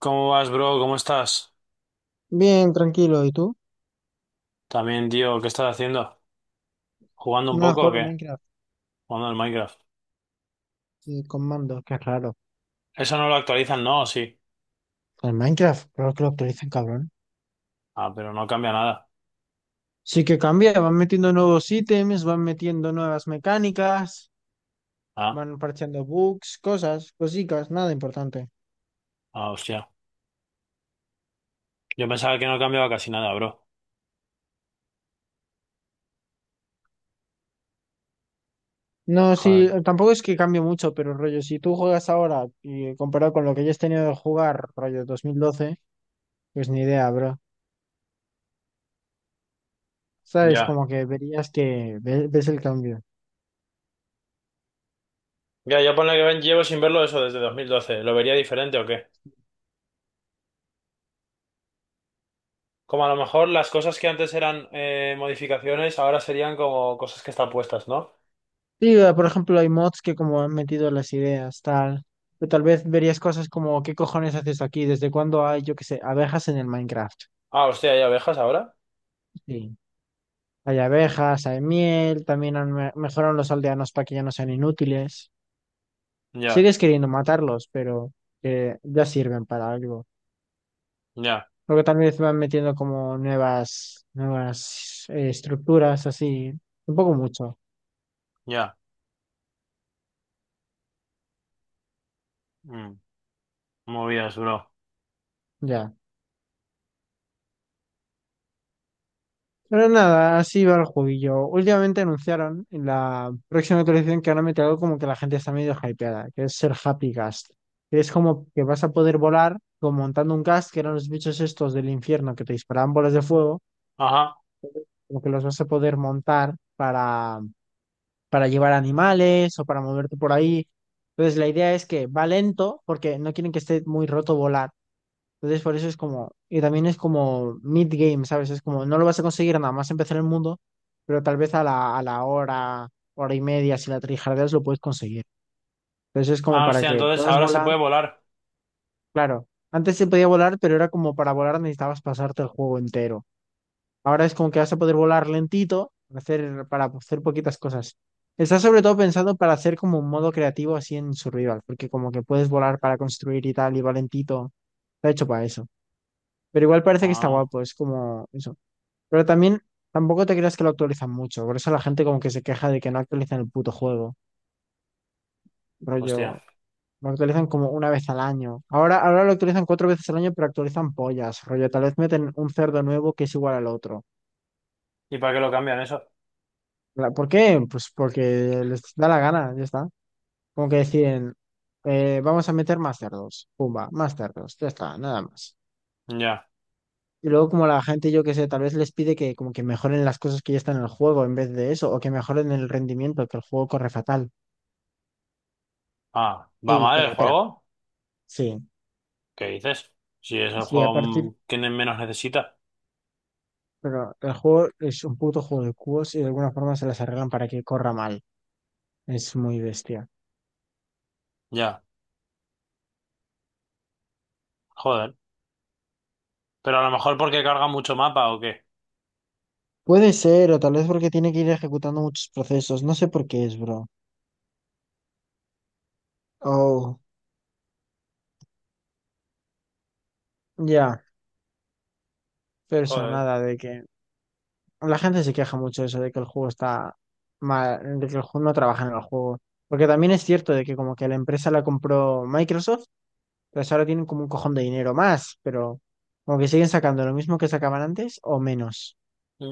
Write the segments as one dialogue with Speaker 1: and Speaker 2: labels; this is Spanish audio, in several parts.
Speaker 1: ¿Cómo vas, bro? ¿Cómo estás?
Speaker 2: Bien, tranquilo. ¿Y tú?
Speaker 1: También, tío, ¿qué estás haciendo? ¿Jugando un
Speaker 2: Nada,
Speaker 1: poco o
Speaker 2: jugar al
Speaker 1: qué?
Speaker 2: Minecraft
Speaker 1: Jugando al Minecraft.
Speaker 2: sí, con mando. Qué raro.
Speaker 1: Eso no lo actualizan, ¿no? ¿O sí?
Speaker 2: El Minecraft, claro que lo actualizan, cabrón.
Speaker 1: Ah, pero no cambia nada.
Speaker 2: Sí que cambia, van metiendo nuevos ítems, van metiendo nuevas mecánicas,
Speaker 1: Ah,
Speaker 2: van parcheando bugs, cosas, cositas, nada importante.
Speaker 1: ah, hostia. Yo pensaba que no cambiaba casi nada, bro.
Speaker 2: No, sí,
Speaker 1: Joder.
Speaker 2: tampoco es que cambie mucho, pero rollo, si tú juegas ahora y comparado con lo que ya has tenido de jugar, rollo 2012 pues ni idea, bro. Sabes,
Speaker 1: Ya.
Speaker 2: como que verías que ves el cambio.
Speaker 1: Ya, yo ponle que llevo sin verlo eso desde 2012. ¿Lo vería diferente o qué? Como a lo mejor las cosas que antes eran modificaciones, ahora serían como cosas que están puestas, ¿no?
Speaker 2: Sí, ah, por ejemplo, hay mods que como han metido las ideas, tal. O tal vez verías cosas como, ¿qué cojones haces aquí? ¿Desde cuándo hay, yo qué sé, abejas en el Minecraft?
Speaker 1: Ah, hostia, ¿hay abejas ahora?
Speaker 2: Sí. Hay abejas, hay miel, también mejoran los aldeanos para que ya no sean inútiles.
Speaker 1: Ya,
Speaker 2: Sigues queriendo matarlos, pero ya sirven para algo.
Speaker 1: ya,
Speaker 2: Luego también se van metiendo como nuevas estructuras, así. Un poco mucho,
Speaker 1: ya. Mm, movidas, bro.
Speaker 2: ya. Pero nada, así va el jueguillo. Últimamente anunciaron en la próxima actualización que van a meter algo como que la gente está medio hypeada, que es ser Happy Ghast. Que es como que vas a poder volar como montando un ghast, que eran los bichos estos del infierno que te disparaban bolas de fuego,
Speaker 1: Ajá.
Speaker 2: como que los vas a poder montar para llevar animales o para moverte por ahí. Entonces la idea es que va lento porque no quieren que esté muy roto volar entonces, por eso es como, y también es como mid-game, ¿sabes? Es como, no lo vas a conseguir nada más empezar el mundo, pero tal vez a la hora, hora y media, si la trijardeas, lo puedes conseguir. Entonces, es como
Speaker 1: Ah,
Speaker 2: para
Speaker 1: hostia,
Speaker 2: que
Speaker 1: entonces
Speaker 2: puedas
Speaker 1: ahora se
Speaker 2: volar.
Speaker 1: puede volar.
Speaker 2: Claro, antes se podía volar, pero era como para volar necesitabas pasarte el juego entero. Ahora es como que vas a poder volar lentito, para hacer poquitas cosas. Está sobre todo pensado para hacer como un modo creativo así en Survival, porque como que puedes volar para construir y tal, y va lentito. Está hecho para eso. Pero igual parece que está
Speaker 1: Ah,
Speaker 2: guapo, es como eso. Pero también tampoco te creas que lo actualizan mucho, por eso la gente como que se queja de que no actualizan el puto juego.
Speaker 1: hostia.
Speaker 2: Rollo, lo actualizan como una vez al año. Ahora lo actualizan cuatro veces al año, pero actualizan pollas. Rollo, tal vez meten un cerdo nuevo que es igual al otro.
Speaker 1: ¿Y para qué lo cambian eso?
Speaker 2: ¿Por qué? Pues porque les da la gana, ya está. Como que deciden, vamos a meter más cerdos. Pumba, más cerdos, ya está, nada más.
Speaker 1: Ya.
Speaker 2: Y luego como la gente, yo qué sé, tal vez les pide que como que mejoren las cosas que ya están en el juego en vez de eso, o que mejoren el rendimiento, que el juego corre fatal.
Speaker 1: Ah, ¿va
Speaker 2: Y
Speaker 1: mal
Speaker 2: te
Speaker 1: el
Speaker 2: la pela.
Speaker 1: juego?
Speaker 2: Sí,
Speaker 1: ¿Qué dices? Si es el
Speaker 2: sí, a
Speaker 1: juego
Speaker 2: partir,
Speaker 1: que menos necesita.
Speaker 2: pero el juego es un puto juego de cubos y de alguna forma se las arreglan para que corra mal. Es muy bestia.
Speaker 1: Ya. Joder. Pero a lo mejor porque carga mucho mapa o qué.
Speaker 2: Puede ser, o tal vez porque tiene que ir ejecutando muchos procesos. No sé por qué es, bro. Oh, ya, pero eso,
Speaker 1: Joder.
Speaker 2: nada de que... la gente se queja mucho de eso, de que el juego está mal, de que el juego no trabaja en el juego. Porque también es cierto de que como que la empresa la compró Microsoft, pues ahora tienen como un cojón de dinero más, pero como que siguen sacando lo mismo que sacaban antes o menos.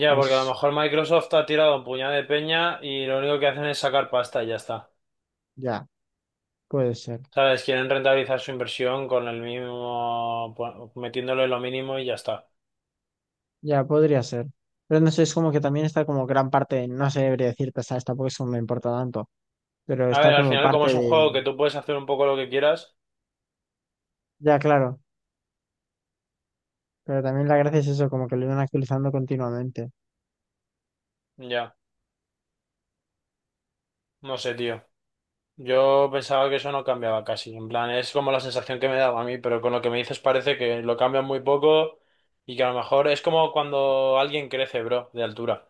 Speaker 1: Ya, porque a lo
Speaker 2: Pues
Speaker 1: mejor Microsoft ha tirado un puñado de peña y lo único que hacen es sacar pasta y ya está.
Speaker 2: ya, puede ser,
Speaker 1: ¿Sabes? Quieren rentabilizar su inversión con el mínimo, metiéndole lo mínimo y ya está.
Speaker 2: ya podría ser. Pero no sé, es como que también está como gran parte, no sé, debería decirte, ¿sabes? Tampoco eso me importa tanto, pero
Speaker 1: A
Speaker 2: está
Speaker 1: ver, al
Speaker 2: como
Speaker 1: final, como
Speaker 2: parte
Speaker 1: es un juego
Speaker 2: de...
Speaker 1: que tú puedes hacer un poco lo que quieras,
Speaker 2: Ya, claro, pero también la gracia es eso, como que lo iban actualizando continuamente.
Speaker 1: ya. No sé, tío. Yo pensaba que eso no cambiaba casi, en plan, es como la sensación que me daba a mí, pero con lo que me dices parece que lo cambian muy poco y que a lo mejor es como cuando alguien crece, bro, de altura.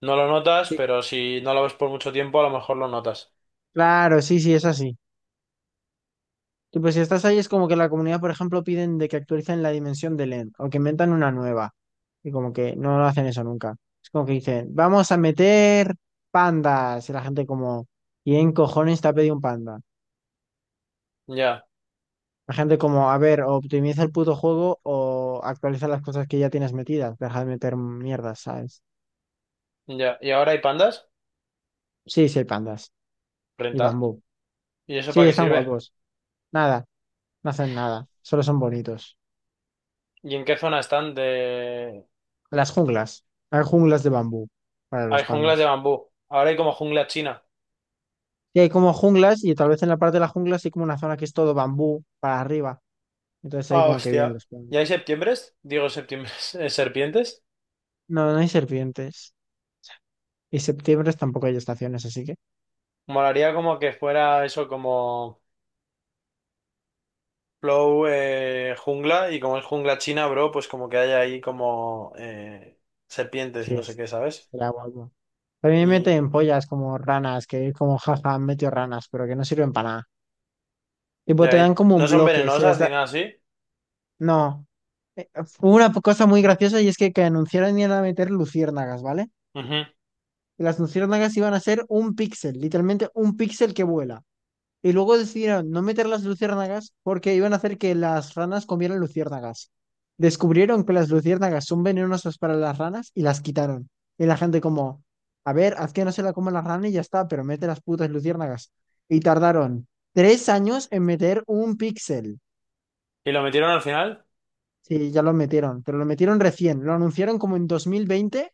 Speaker 1: No lo notas,
Speaker 2: Sí,
Speaker 1: pero si no lo ves por mucho tiempo, a lo mejor lo notas.
Speaker 2: claro, sí, sí, es así. Tú, pues si estás ahí es como que la comunidad, por ejemplo, piden de que actualicen la dimensión del end o que inventan una nueva. Y como que no lo hacen eso nunca. Es como que dicen, vamos a meter pandas. Y la gente como, ¿y en cojones te ha pedido un panda?
Speaker 1: Ya,
Speaker 2: La gente como, a ver, o optimiza el puto juego o actualiza las cosas que ya tienes metidas. Deja de meter mierdas, ¿sabes?
Speaker 1: ya. ¿Y ahora hay pandas?
Speaker 2: Sí, sí hay pandas. Y
Speaker 1: Renta.
Speaker 2: bambú.
Speaker 1: ¿Y eso
Speaker 2: Sí,
Speaker 1: para qué
Speaker 2: están
Speaker 1: sirve?
Speaker 2: guapos. Nada, no hacen nada. Solo son bonitos.
Speaker 1: ¿Y en qué zona están de...?
Speaker 2: Las junglas. Hay junglas de bambú para
Speaker 1: Hay
Speaker 2: los
Speaker 1: junglas de
Speaker 2: pandas.
Speaker 1: bambú. Ahora hay como jungla china.
Speaker 2: Y hay como junglas y tal vez en la parte de la jungla sí hay como una zona que es todo bambú para arriba. Entonces ahí
Speaker 1: Ah,
Speaker 2: como que vienen
Speaker 1: hostia.
Speaker 2: los
Speaker 1: ¿Y
Speaker 2: pingüinos.
Speaker 1: hay septiembres? Digo septiembres, serpientes.
Speaker 2: No, no hay serpientes. Y septiembre tampoco hay estaciones, así que
Speaker 1: Molaría como que fuera eso como... Flow jungla y como es jungla china, bro, pues como que hay ahí como serpientes
Speaker 2: sí
Speaker 1: y no sé
Speaker 2: es.
Speaker 1: qué, ¿sabes?
Speaker 2: Será guapo. También
Speaker 1: Y
Speaker 2: meten pollas como ranas, que es como jaja, han metido ranas, pero que no sirven para nada. Tipo, te
Speaker 1: ya, y
Speaker 2: dan como un
Speaker 1: no son
Speaker 2: bloque, si les
Speaker 1: venenosas
Speaker 2: da-
Speaker 1: ni nada así.
Speaker 2: No. Eh, Hubo una cosa muy graciosa y es que anunciaron iban a meter luciérnagas, ¿vale?
Speaker 1: Ujú.
Speaker 2: Y las luciérnagas iban a ser un píxel, literalmente un píxel que vuela. Y luego decidieron no meter las luciérnagas porque iban a hacer que las ranas comieran luciérnagas. Descubrieron que las luciérnagas son venenosas para las ranas y las quitaron. Y la gente como, a ver, haz que no se la coman las ranas y ya está, pero mete las putas luciérnagas. Y tardaron 3 años en meter un píxel.
Speaker 1: ¿Y lo metieron al final?
Speaker 2: Sí, ya lo metieron, pero lo metieron recién. Lo anunciaron como en 2020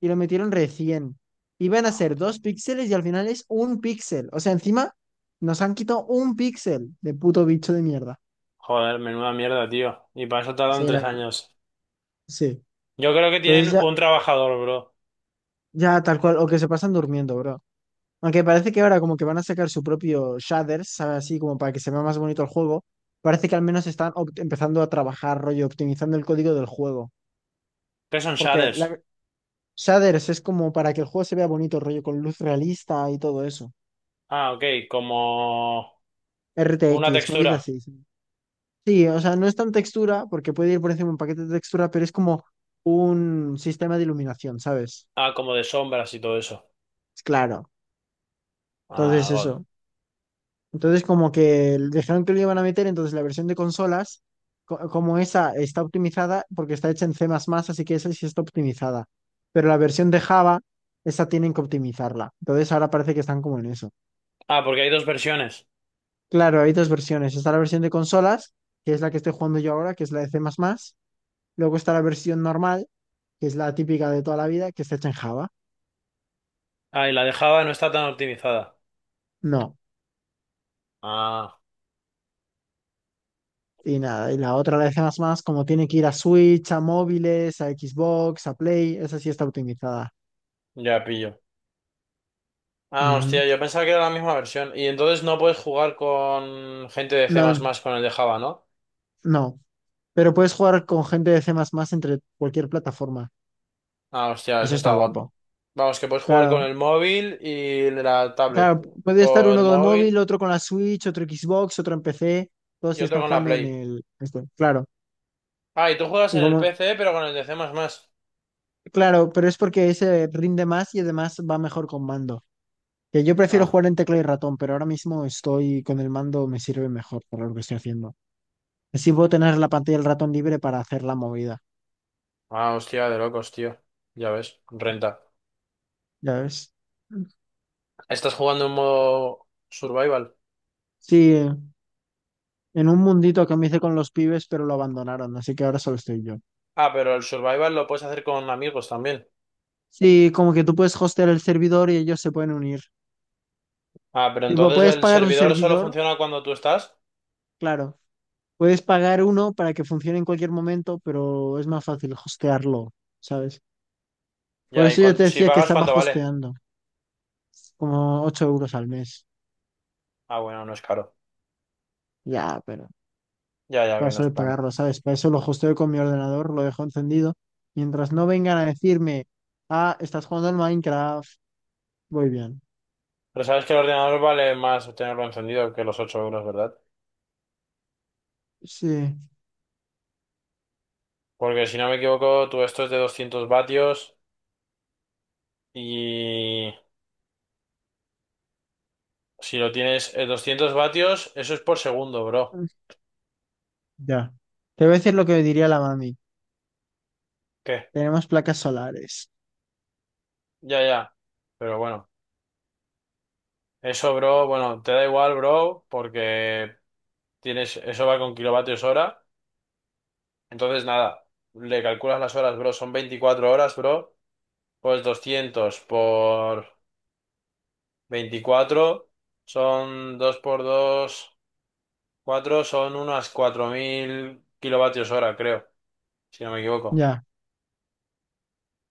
Speaker 2: y lo metieron recién. Iban a ser dos píxeles y al final es un píxel. O sea, encima nos han quitado un píxel de puto bicho de mierda.
Speaker 1: Joder, menuda mierda, tío. Y para eso tardan
Speaker 2: Sí, la
Speaker 1: tres
Speaker 2: verdad.
Speaker 1: años.
Speaker 2: Sí.
Speaker 1: Yo creo que
Speaker 2: Entonces
Speaker 1: tienen un trabajador, bro.
Speaker 2: ya tal cual, o que se pasan durmiendo, bro. Aunque parece que ahora como que van a sacar su propio shaders, ¿sabes? Así como para que se vea más bonito el juego. Parece que al menos están empezando a trabajar, rollo, optimizando el código del juego.
Speaker 1: ¿Qué son
Speaker 2: Porque
Speaker 1: shaders?
Speaker 2: la, shaders es como para que el juego se vea bonito, rollo, con luz realista y todo eso.
Speaker 1: Ah, ok, como una
Speaker 2: RTX, movidas
Speaker 1: textura.
Speaker 2: así. Sí. Sí, o sea, no es tan textura, porque puede ir por encima un paquete de textura, pero es como un sistema de iluminación, ¿sabes?
Speaker 1: Ah, como de sombras y todo eso.
Speaker 2: Es claro.
Speaker 1: Ah,
Speaker 2: Entonces,
Speaker 1: God.
Speaker 2: eso. Entonces, como que dejaron que lo iban a meter, entonces la versión de consolas, como esa está optimizada, porque está hecha en C++, así que esa sí está optimizada. Pero la versión de Java, esa tienen que optimizarla. Entonces, ahora parece que están como en eso.
Speaker 1: Ah, porque hay dos versiones.
Speaker 2: Claro, hay dos versiones. Está la versión de consolas, que es la que estoy jugando yo ahora, que es la de C++. Luego está la versión normal que es la típica de toda la vida, que está hecha en Java.
Speaker 1: Ah, y la de Java no está tan optimizada.
Speaker 2: No.
Speaker 1: Ah,
Speaker 2: Y nada, y la otra, la de C++, como tiene que ir a Switch, a móviles, a Xbox, a Play, esa sí está optimizada.
Speaker 1: ya pillo. Ah,
Speaker 2: Ujú.
Speaker 1: hostia, yo pensaba que era la misma versión. Y entonces no puedes jugar con gente de
Speaker 2: No,
Speaker 1: C++ con el de Java, ¿no?
Speaker 2: no. Pero puedes jugar con gente de C++ entre cualquier plataforma.
Speaker 1: Ah, hostia,
Speaker 2: Eso
Speaker 1: eso
Speaker 2: está
Speaker 1: está god.
Speaker 2: guapo.
Speaker 1: Vamos, que puedes jugar con
Speaker 2: Claro,
Speaker 1: el móvil y la tablet.
Speaker 2: claro, puede estar
Speaker 1: O
Speaker 2: uno
Speaker 1: el
Speaker 2: con el móvil,
Speaker 1: móvil
Speaker 2: otro con la Switch, otro Xbox, otro en PC, todos
Speaker 1: y
Speaker 2: sí
Speaker 1: otro
Speaker 2: están
Speaker 1: con la
Speaker 2: jugando en
Speaker 1: Play.
Speaker 2: el este, claro.
Speaker 1: Ah, y tú juegas
Speaker 2: Y
Speaker 1: en el
Speaker 2: como,
Speaker 1: PC, pero con el de C++. Ah,
Speaker 2: claro, pero es porque ese rinde más y además va mejor con mando. Que yo prefiero jugar en tecla y ratón, pero ahora mismo estoy con el mando, me sirve mejor para lo que estoy haciendo. Así puedo tener la pantalla del ratón libre para hacer la movida,
Speaker 1: ah, hostia, de locos, tío. Ya ves, renta.
Speaker 2: ¿ya ves?
Speaker 1: Estás jugando en modo survival.
Speaker 2: Sí, en un mundito que me hice con los pibes, pero lo abandonaron, así que ahora solo estoy yo.
Speaker 1: Ah, pero el survival lo puedes hacer con amigos también.
Speaker 2: Sí, como que tú puedes hostear el servidor y ellos se pueden unir.
Speaker 1: Ah, pero
Speaker 2: Tipo,
Speaker 1: entonces
Speaker 2: puedes
Speaker 1: el
Speaker 2: pagar un
Speaker 1: servidor solo
Speaker 2: servidor,
Speaker 1: funciona cuando tú estás.
Speaker 2: claro. Puedes pagar uno para que funcione en cualquier momento, pero es más fácil hostearlo, ¿sabes? Por
Speaker 1: Ya, y
Speaker 2: eso yo te
Speaker 1: si
Speaker 2: decía que
Speaker 1: pagas,
Speaker 2: estaba
Speaker 1: ¿cuánto vale?
Speaker 2: hosteando, como 8 euros al mes.
Speaker 1: Ah, bueno, no es caro.
Speaker 2: Ya, pero...
Speaker 1: Ya, ya, que no
Speaker 2: paso
Speaker 1: es
Speaker 2: de
Speaker 1: plan.
Speaker 2: pagarlo, ¿sabes? Para eso lo hosteo con mi ordenador, lo dejo encendido. Mientras no vengan a decirme, ah, estás jugando al Minecraft, voy bien.
Speaker 1: Pero sabes que el ordenador vale más tenerlo encendido que los 8 euros, ¿verdad?
Speaker 2: Sí,
Speaker 1: Porque si no me equivoco, tú esto es de 200 vatios y si lo tienes en 200 vatios, eso es por segundo, bro.
Speaker 2: ya. Te voy a decir lo que diría la mami.
Speaker 1: ¿Qué?
Speaker 2: Tenemos placas solares.
Speaker 1: Ya, ya. Pero bueno, eso, bro, bueno, te da igual, bro, porque tienes, eso va con kilovatios hora. Entonces, nada, le calculas las horas, bro, son 24 horas, bro. Pues 200 por... 24 son 2 por 2 4 son unas 4.000 kilovatios hora, creo, si no me equivoco.
Speaker 2: Ya,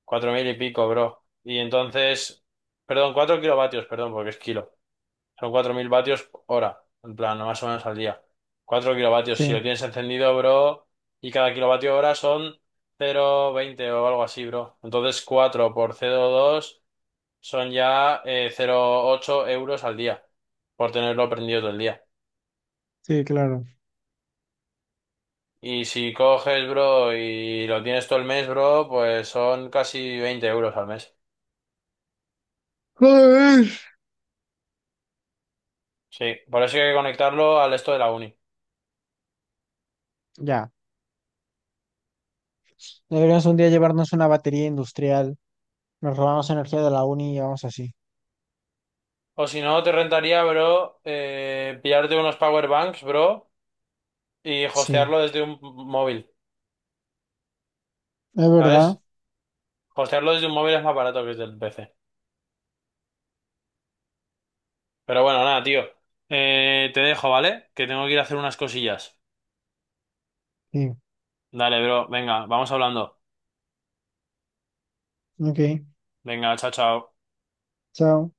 Speaker 1: 4.000 y pico, bro. Y entonces, perdón, 4 kilovatios, perdón, porque es kilo. Son 4.000 vatios hora, en plan, más o menos al día. 4 kilovatios, si
Speaker 2: sí,
Speaker 1: lo tienes encendido, bro, y cada kilovatio hora son 0,20 o algo así, bro. Entonces, 4 por 0,2 son ya 0,8 euros al día, por tenerlo prendido todo el día.
Speaker 2: sí, claro.
Speaker 1: Y si coges, bro, y lo tienes todo el mes, bro, pues son casi 20 euros al mes.
Speaker 2: Joder.
Speaker 1: Sí, por eso hay que conectarlo al esto de la uni.
Speaker 2: Ya. Deberíamos un día llevarnos una batería industrial. Nos robamos energía de la uni y vamos así.
Speaker 1: O si no, te rentaría, bro, pillarte unos power banks, bro, y
Speaker 2: Sí,
Speaker 1: hostearlo desde un móvil,
Speaker 2: es verdad.
Speaker 1: ¿sabes? Hostearlo desde un móvil es más barato que desde el PC. Pero bueno, nada, tío. Te dejo, ¿vale? Que tengo que ir a hacer unas cosillas.
Speaker 2: Sí,
Speaker 1: Dale, bro, venga, vamos hablando.
Speaker 2: ok.
Speaker 1: Venga, chao, chao.
Speaker 2: Chao.